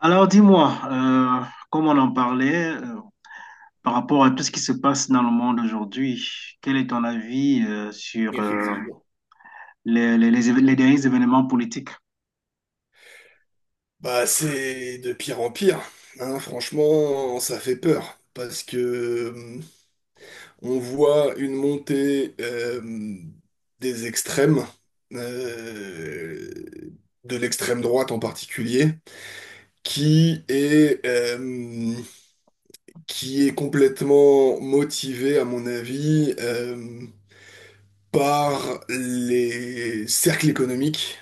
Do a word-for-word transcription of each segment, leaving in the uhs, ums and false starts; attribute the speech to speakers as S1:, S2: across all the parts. S1: Alors dis-moi, euh, comme on en parlait, euh, par rapport à tout ce qui se passe dans le monde aujourd'hui, quel est ton avis euh, sur euh,
S2: Effectivement.
S1: les, les- les éve- les derniers événements politiques?
S2: Bah, c'est de pire en pire. Hein. Franchement, ça fait peur parce que euh, on voit une montée euh, des extrêmes, euh, de l'extrême droite en particulier, qui est euh, qui est complètement motivée, à mon avis, euh, par les cercles économiques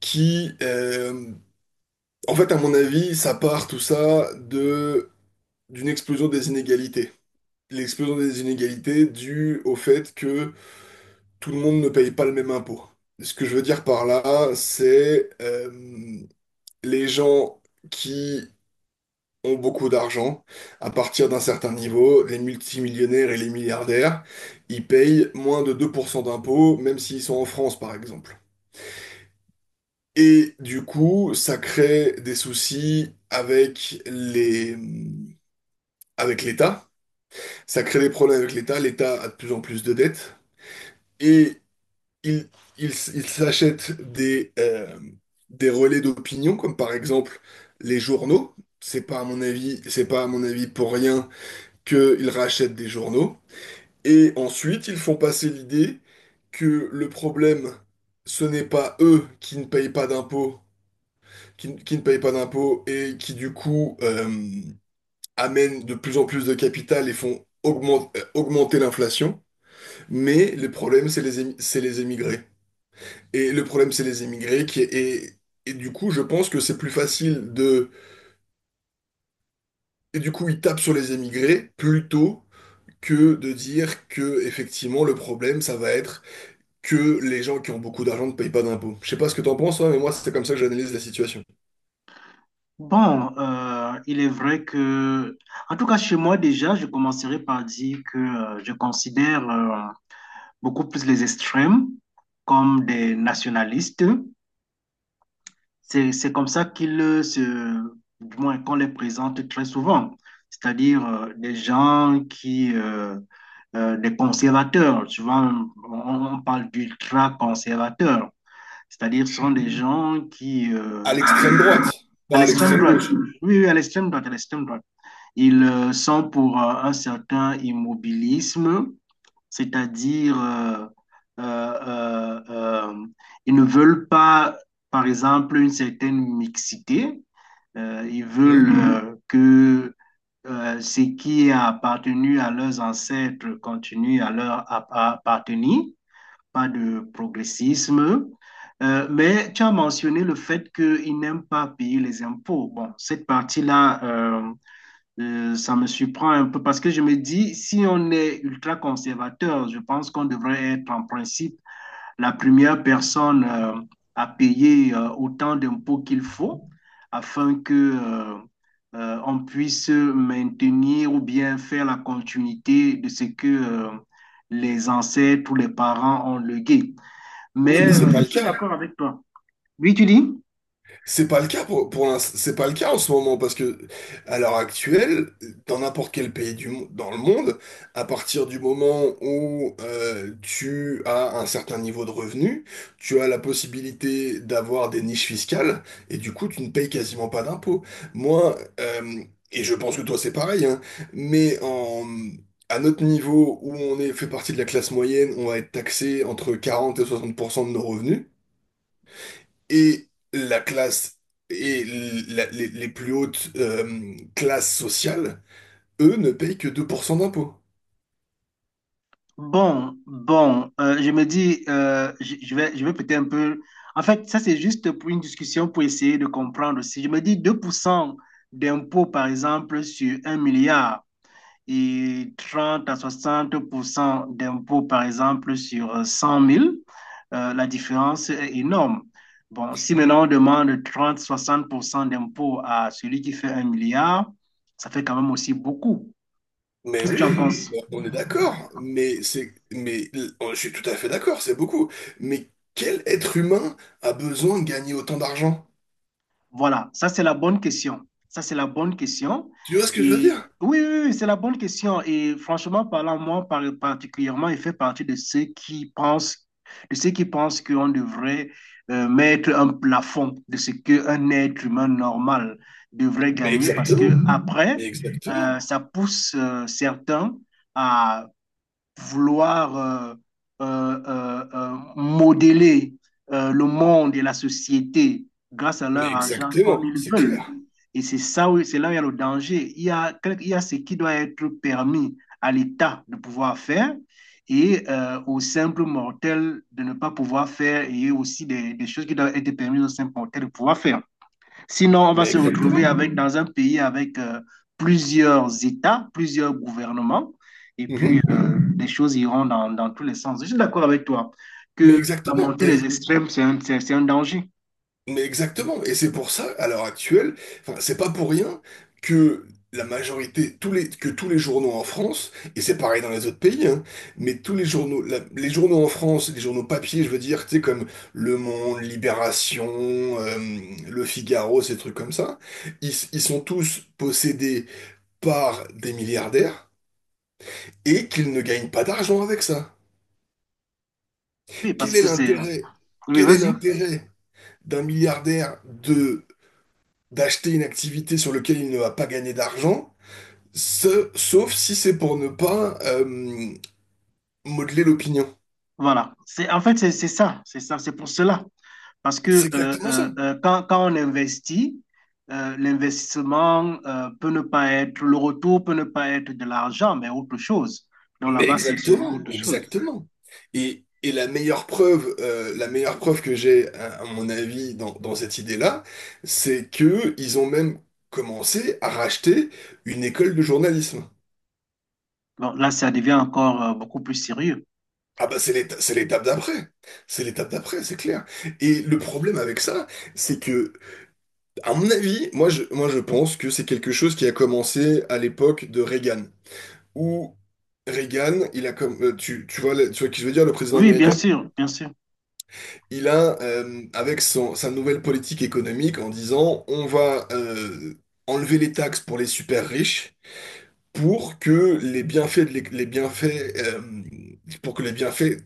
S2: qui euh, en fait, à mon avis, ça part tout ça de d'une explosion des inégalités. L'explosion des inégalités due au fait que tout le monde ne paye pas le même impôt. Ce que je veux dire par là, c'est euh, les gens qui ont beaucoup d'argent, à partir d'un certain niveau, les multimillionnaires et les milliardaires, ils payent moins de deux pour cent d'impôts, même s'ils sont en France, par exemple. Et du coup, ça crée des soucis avec les avec l'État. Ça crée des problèmes avec l'État. L'État a de plus en plus de dettes. Et il, il, s- il s'achète des, euh, des relais d'opinion, comme par exemple les journaux. C'est pas à mon avis, c'est pas à mon avis pour rien qu'ils rachètent des journaux. Et ensuite, ils font passer l'idée que le problème, ce n'est pas eux qui ne payent pas d'impôts, qui, ne qui ne payent pas d'impôts et qui du coup euh, amènent de plus en plus de capital et font augmente- euh, augmenter l'inflation. Mais le problème, c'est les, émi- c'est les émigrés. Et le problème, c'est les émigrés qui et, et du coup, je pense que c'est plus facile de et du coup, ils tapent sur les émigrés plutôt que de dire que effectivement le problème, ça va être que les gens qui ont beaucoup d'argent ne payent pas d'impôts. Je sais pas ce que t'en penses, toi, mais moi, c'est comme ça que j'analyse la situation.
S1: Bon, euh, il est vrai que, en tout cas chez moi déjà, je commencerai par dire que euh, je considère euh, beaucoup plus les extrêmes comme des nationalistes. C'est, c'est comme ça qu'ils euh, se, du moins qu'on les présente très souvent, c'est-à-dire euh, des gens qui, euh, euh, des conservateurs, souvent on, on parle d'ultra-conservateurs, c'est-à-dire ce sont des gens qui, euh,
S2: À l'extrême droite,
S1: à
S2: pas à
S1: l'extrême
S2: l'extrême
S1: droite,
S2: gauche.
S1: oui, oui, à l'extrême droite, à l'extrême droite, ils euh, sont pour euh, un certain immobilisme, c'est-à-dire euh, euh, euh, euh, ils ne veulent pas, par exemple, une certaine mixité. Euh, ils
S2: Hmm.
S1: veulent euh, que euh, ce qui a appartenu à leurs ancêtres continue à leur appartenir, pas de progressisme. Euh, mais tu as mentionné le fait qu'ils n'aiment pas payer les impôts. Bon, cette partie-là, euh, euh, ça me surprend un peu parce que je me dis, si on est ultra conservateur, je pense qu'on devrait être en principe la première personne euh, à payer euh, autant d'impôts qu'il faut afin que euh, euh, on puisse maintenir ou bien faire la continuité de ce que euh, les ancêtres ou les parents ont légué.
S2: Ouais,
S1: Mais
S2: mais c'est
S1: euh, je
S2: pas le
S1: suis
S2: cas.
S1: d'accord avec toi. Oui, tu dis?
S2: C'est pas le cas pour, pour l'ins- c'est pas le cas en ce moment parce que à l'heure actuelle, dans n'importe quel pays du mo- dans le monde, à partir du moment où euh, tu as un certain niveau de revenu, tu as la possibilité d'avoir des niches fiscales et du coup tu ne payes quasiment pas d'impôts. Moi, euh, et je pense que toi c'est pareil, hein, mais en À notre niveau où on est, fait partie de la classe moyenne, on va être taxé entre quarante et soixante pour cent de nos revenus et la classe et la- les, les plus hautes euh, classes sociales, eux, ne payent que deux pour cent d'impôts.
S1: Bon, bon, euh, je me dis, euh, je je vais, je vais peut-être un peu... En fait, ça, c'est juste pour une discussion pour essayer de comprendre aussi. Je me dis deux pour cent d'impôts, par exemple, sur un milliard. et trente à soixante d'impôts, par exemple, sur euh, cent mille, euh, la différence est énorme. Bon, si maintenant on demande trente à soixante d'impôts à celui qui fait un milliard, ça fait quand même aussi beaucoup.
S2: Mais
S1: Qu'est-ce que tu en
S2: oui,
S1: penses?
S2: ben, on est d'accord, mais c'est, mais l- je suis tout à fait d'accord, c'est beaucoup. Mais quel être humain a besoin de gagner autant d'argent?
S1: Voilà, ça c'est la bonne question. Ça c'est la bonne question.
S2: Tu vois ce que je veux
S1: Et
S2: dire?
S1: oui, oui, oui, c'est la bonne question. Et franchement parlant, moi par- particulièrement, je fais partie de ceux qui pensent, de ceux qui pensent qu'on devrait euh, mettre un plafond de ce qu'un être humain normal devrait
S2: Mais
S1: gagner, parce que
S2: exactement, mais
S1: après, euh,
S2: exactement,
S1: ça pousse euh, certains vouloir euh, euh, euh, euh, modeler euh, le monde et la société grâce à
S2: mais
S1: leur argent comme
S2: exactement,
S1: ils
S2: c'est
S1: veulent.
S2: clair,
S1: Et c'est ça où, c'est là où il y a le danger. Il y a, quel- il y a ce qui doit être permis à l'État de pouvoir faire et euh, aux simples mortels de ne pas pouvoir faire et aussi des, des choses qui doivent être permises aux simples mortels de pouvoir faire. Sinon, on va
S2: mais
S1: se retrouver
S2: exactement.
S1: avec, dans un pays avec euh, plusieurs États, plusieurs gouvernements, et puis
S2: Mhm,
S1: euh,
S2: mhm.
S1: les choses iront dans, dans tous les sens. Je suis d'accord avec toi
S2: Mais
S1: que la
S2: exactement.
S1: montée des
S2: Et.
S1: extrêmes, c'est un, c'est- c'est un danger.
S2: Mais exactement, et c'est pour ça, à l'heure actuelle, enfin, c'est pas pour rien que la majorité, tous les, que tous les journaux en France, et c'est pareil dans les autres pays, hein, mais tous les journaux, la- les journaux en France, les journaux papier, je veux dire, tu sais, comme Le Monde, Libération, euh, Le Figaro, ces trucs comme ça, ils, ils sont tous possédés par des milliardaires et qu'ils ne gagnent pas d'argent avec ça.
S1: Oui, parce
S2: Quel est
S1: que c'est...
S2: l'intérêt?
S1: Oui,
S2: Quel est
S1: vas-y.
S2: l'intérêt d'un milliardaire de d'acheter une activité sur laquelle il ne va pas gagner d'argent, ce- sauf si c'est pour ne pas euh, modeler l'opinion.
S1: Voilà. C'est, en fait, c'est c'est ça. C'est ça. C'est pour cela. Parce
S2: C'est
S1: que euh,
S2: exactement ça.
S1: euh, euh, quand, quand on investit, euh, l'investissement euh, peut ne pas être... Le retour peut ne pas être de l'argent, mais autre chose. Donc
S2: Mais
S1: là-bas, c'est sûrement
S2: exactement,
S1: autre chose.
S2: exactement. Et, et la meilleure preuve, euh, la meilleure preuve que j'ai, à, à mon avis, dans, dans cette idée-là, c'est que ils ont même commencé à racheter une école de journalisme.
S1: Bon, là, ça devient encore euh, beaucoup plus sérieux.
S2: Ah bah c'est l'éta- c'est l'étape d'après. C'est l'étape d'après, c'est clair. Et le problème avec ça, c'est que à mon avis, moi je, moi je pense que c'est quelque chose qui a commencé à l'époque de Reagan, où Reagan, il a comme euh, tu, tu vois le- tu vois qui je veux dire le président
S1: Oui, bien
S2: américain,
S1: sûr, bien sûr.
S2: il a euh, avec son, sa nouvelle politique économique en disant on va euh, enlever les taxes pour les super riches pour que les bienfaits, de l'é- les bienfaits, euh, pour que les bienfaits,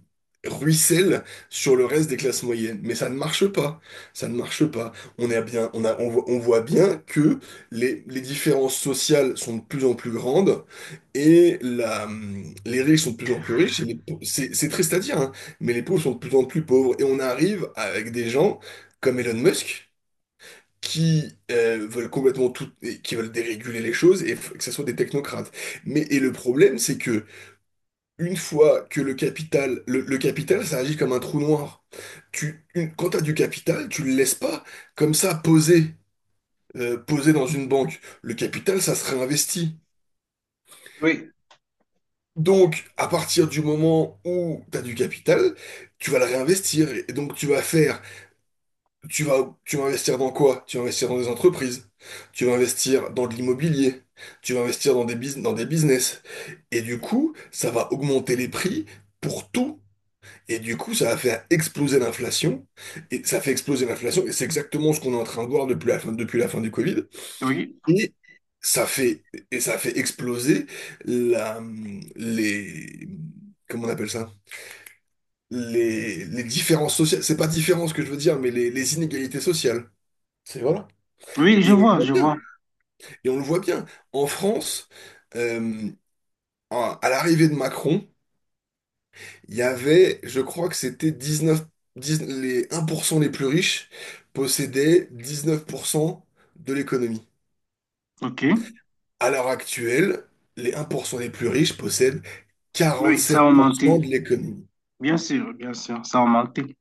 S2: ruissellent sur le reste des classes moyennes. Mais ça ne marche pas. Ça ne marche pas. On est bien, on a, on voit, on voit bien que les, les différences sociales sont de plus en plus grandes et la, les riches sont de plus en plus riches. Et les pau- c'est, c'est triste à dire, hein, mais les pauvres sont de plus en plus pauvres. Et on arrive avec des gens comme Elon Musk qui euh, veulent complètement tout, et qui veulent déréguler les choses et f- que ce soit des technocrates. Mais et le problème, c'est que une fois que le capital, le, le capital, ça agit comme un trou noir. Tu, une- quand t'as du capital, tu le laisses pas comme ça poser, euh, poser dans une banque. Le capital, ça se réinvestit. Donc, à partir du moment où tu as du capital, tu vas le réinvestir. Et donc, tu vas faire Tu vas, tu vas investir dans quoi? Tu vas investir dans des entreprises, tu vas investir dans de l'immobilier, tu vas investir dans des bus- dans des business. Et du coup, ça va augmenter les prix pour tout. Et du coup, ça va faire exploser l'inflation. Et ça fait exploser l'inflation. Et c'est exactement ce qu'on est en train de voir depuis la fin, depuis la fin du Covid.
S1: Oui,
S2: Et ça fait, et ça fait exploser la, les, comment on appelle ça? Les, les différences sociales. C'est pas différence que je veux dire, mais les, les inégalités sociales. C'est voilà.
S1: oui, je
S2: Et on le
S1: vois,
S2: voit
S1: je
S2: bien.
S1: vois.
S2: Et on le voit bien. En France, euh, à à l'arrivée de Macron, il y avait, je crois que c'était dix-neuf, dix les un pour cent les plus riches possédaient dix-neuf pour cent de l'économie.
S1: OK.
S2: À l'heure actuelle, les un pour cent les plus riches possèdent
S1: Oui, ça a augmenté.
S2: quarante-sept pour cent de l'économie.
S1: Bien sûr, bien sûr, ça a augmenté.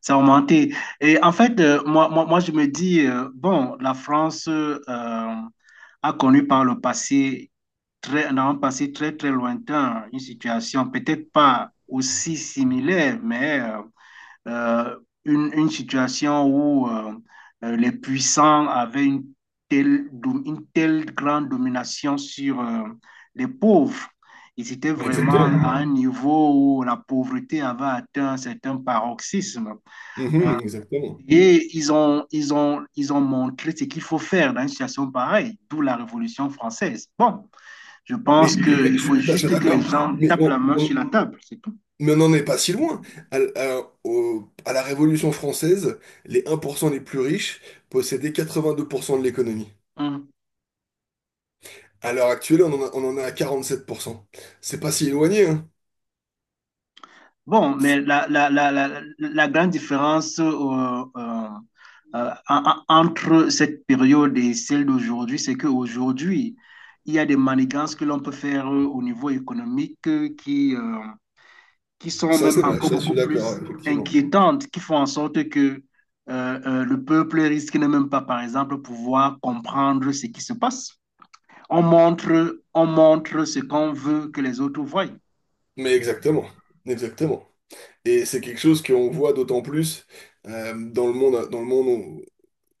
S1: Ça a augmenté. Et en fait, euh, moi, moi, moi, je me dis, euh, bon, la France euh, a connu par le passé, très, dans un passé très, très lointain, une situation peut-être pas aussi similaire, mais euh, euh, une, une situation où euh, euh, les puissants avaient une telle, une telle grande domination sur euh, les pauvres. Ils étaient vraiment
S2: Exactement.
S1: à un niveau où la pauvreté avait atteint un certain paroxysme. Euh,
S2: Mhm, exactement.
S1: et ils ont, ils ont, ils ont montré ce qu'il faut faire dans une situation pareille, d'où la Révolution française. Bon, je pense
S2: Mais
S1: qu'il
S2: je suis
S1: faut
S2: tout à fait
S1: juste que les
S2: d'accord.
S1: gens
S2: Mais
S1: tapent la
S2: on,
S1: main sur
S2: on-
S1: la table, c'est tout.
S2: Mais on n'en est pas si loin. À, à- au- à la Révolution française, les un pour cent les plus riches possédaient quatre-vingt-deux pour cent de l'économie.
S1: Mmh.
S2: À l'heure actuelle, on en a, on en est à quarante-sept pour cent. C'est pas si éloigné, hein.
S1: Bon, mais la, la, la, la, la grande différence euh, euh, euh, entre cette période et celle d'aujourd'hui, c'est qu'aujourd'hui, il y a des manigances que l'on peut faire euh, au niveau économique euh, qui, euh, qui sont
S2: Ça,
S1: même
S2: c'est vrai,
S1: encore
S2: ça, je suis
S1: beaucoup
S2: d'accord,
S1: plus
S2: ouais, effectivement.
S1: inquiétantes, qui font en sorte que euh, euh, le peuple risque de même pas, par exemple, pouvoir comprendre ce qui se passe. On montre, on montre ce qu'on veut que les autres voient,
S2: Mais exactement, exactement. Et c'est quelque chose qu'on voit d'autant plus euh, dans le monde, dans le monde où-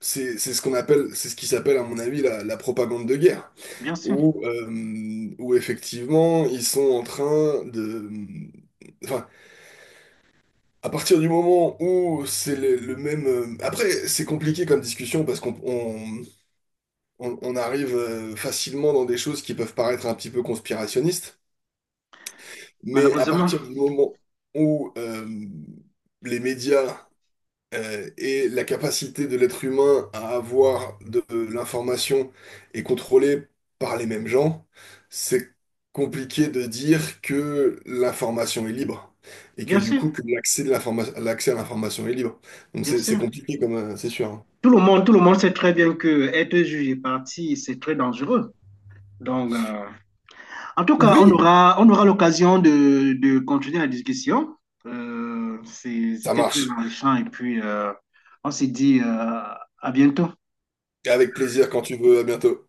S2: c'est c'est ce qu'on appelle, c'est ce qui s'appelle, à mon avis, la, la propagande de guerre,
S1: bien sûr,
S2: où, euh, où effectivement, ils sont en train de... Enfin, à partir du moment où c'est le, le même... euh, après, c'est compliqué comme discussion parce qu'on on, on- on arrive euh, facilement dans des choses qui peuvent paraître un petit peu conspirationnistes, mais à
S1: malheureusement,
S2: partir du moment où euh, les médias euh, et la capacité de l'être humain à avoir de, de l'information est contrôlée par les mêmes gens, c'est compliqué de dire que l'information est libre et que
S1: bien
S2: du
S1: sûr,
S2: coup que l'accès de l'informa- l'accès à l'information est libre. Donc
S1: bien
S2: c'est c'est
S1: sûr.
S2: compliqué comme euh, c'est sûr. Hein.
S1: Tout le monde, tout le monde sait très bien que être juge et parti, c'est très dangereux. Donc, euh, en tout cas, on
S2: Oui,
S1: aura, on aura l'occasion de, de continuer la discussion. Euh, c'est-
S2: ça
S1: c'était très
S2: marche.
S1: enrichant et puis euh, on s'est dit euh, à bientôt.
S2: Et avec plaisir quand tu veux, à bientôt.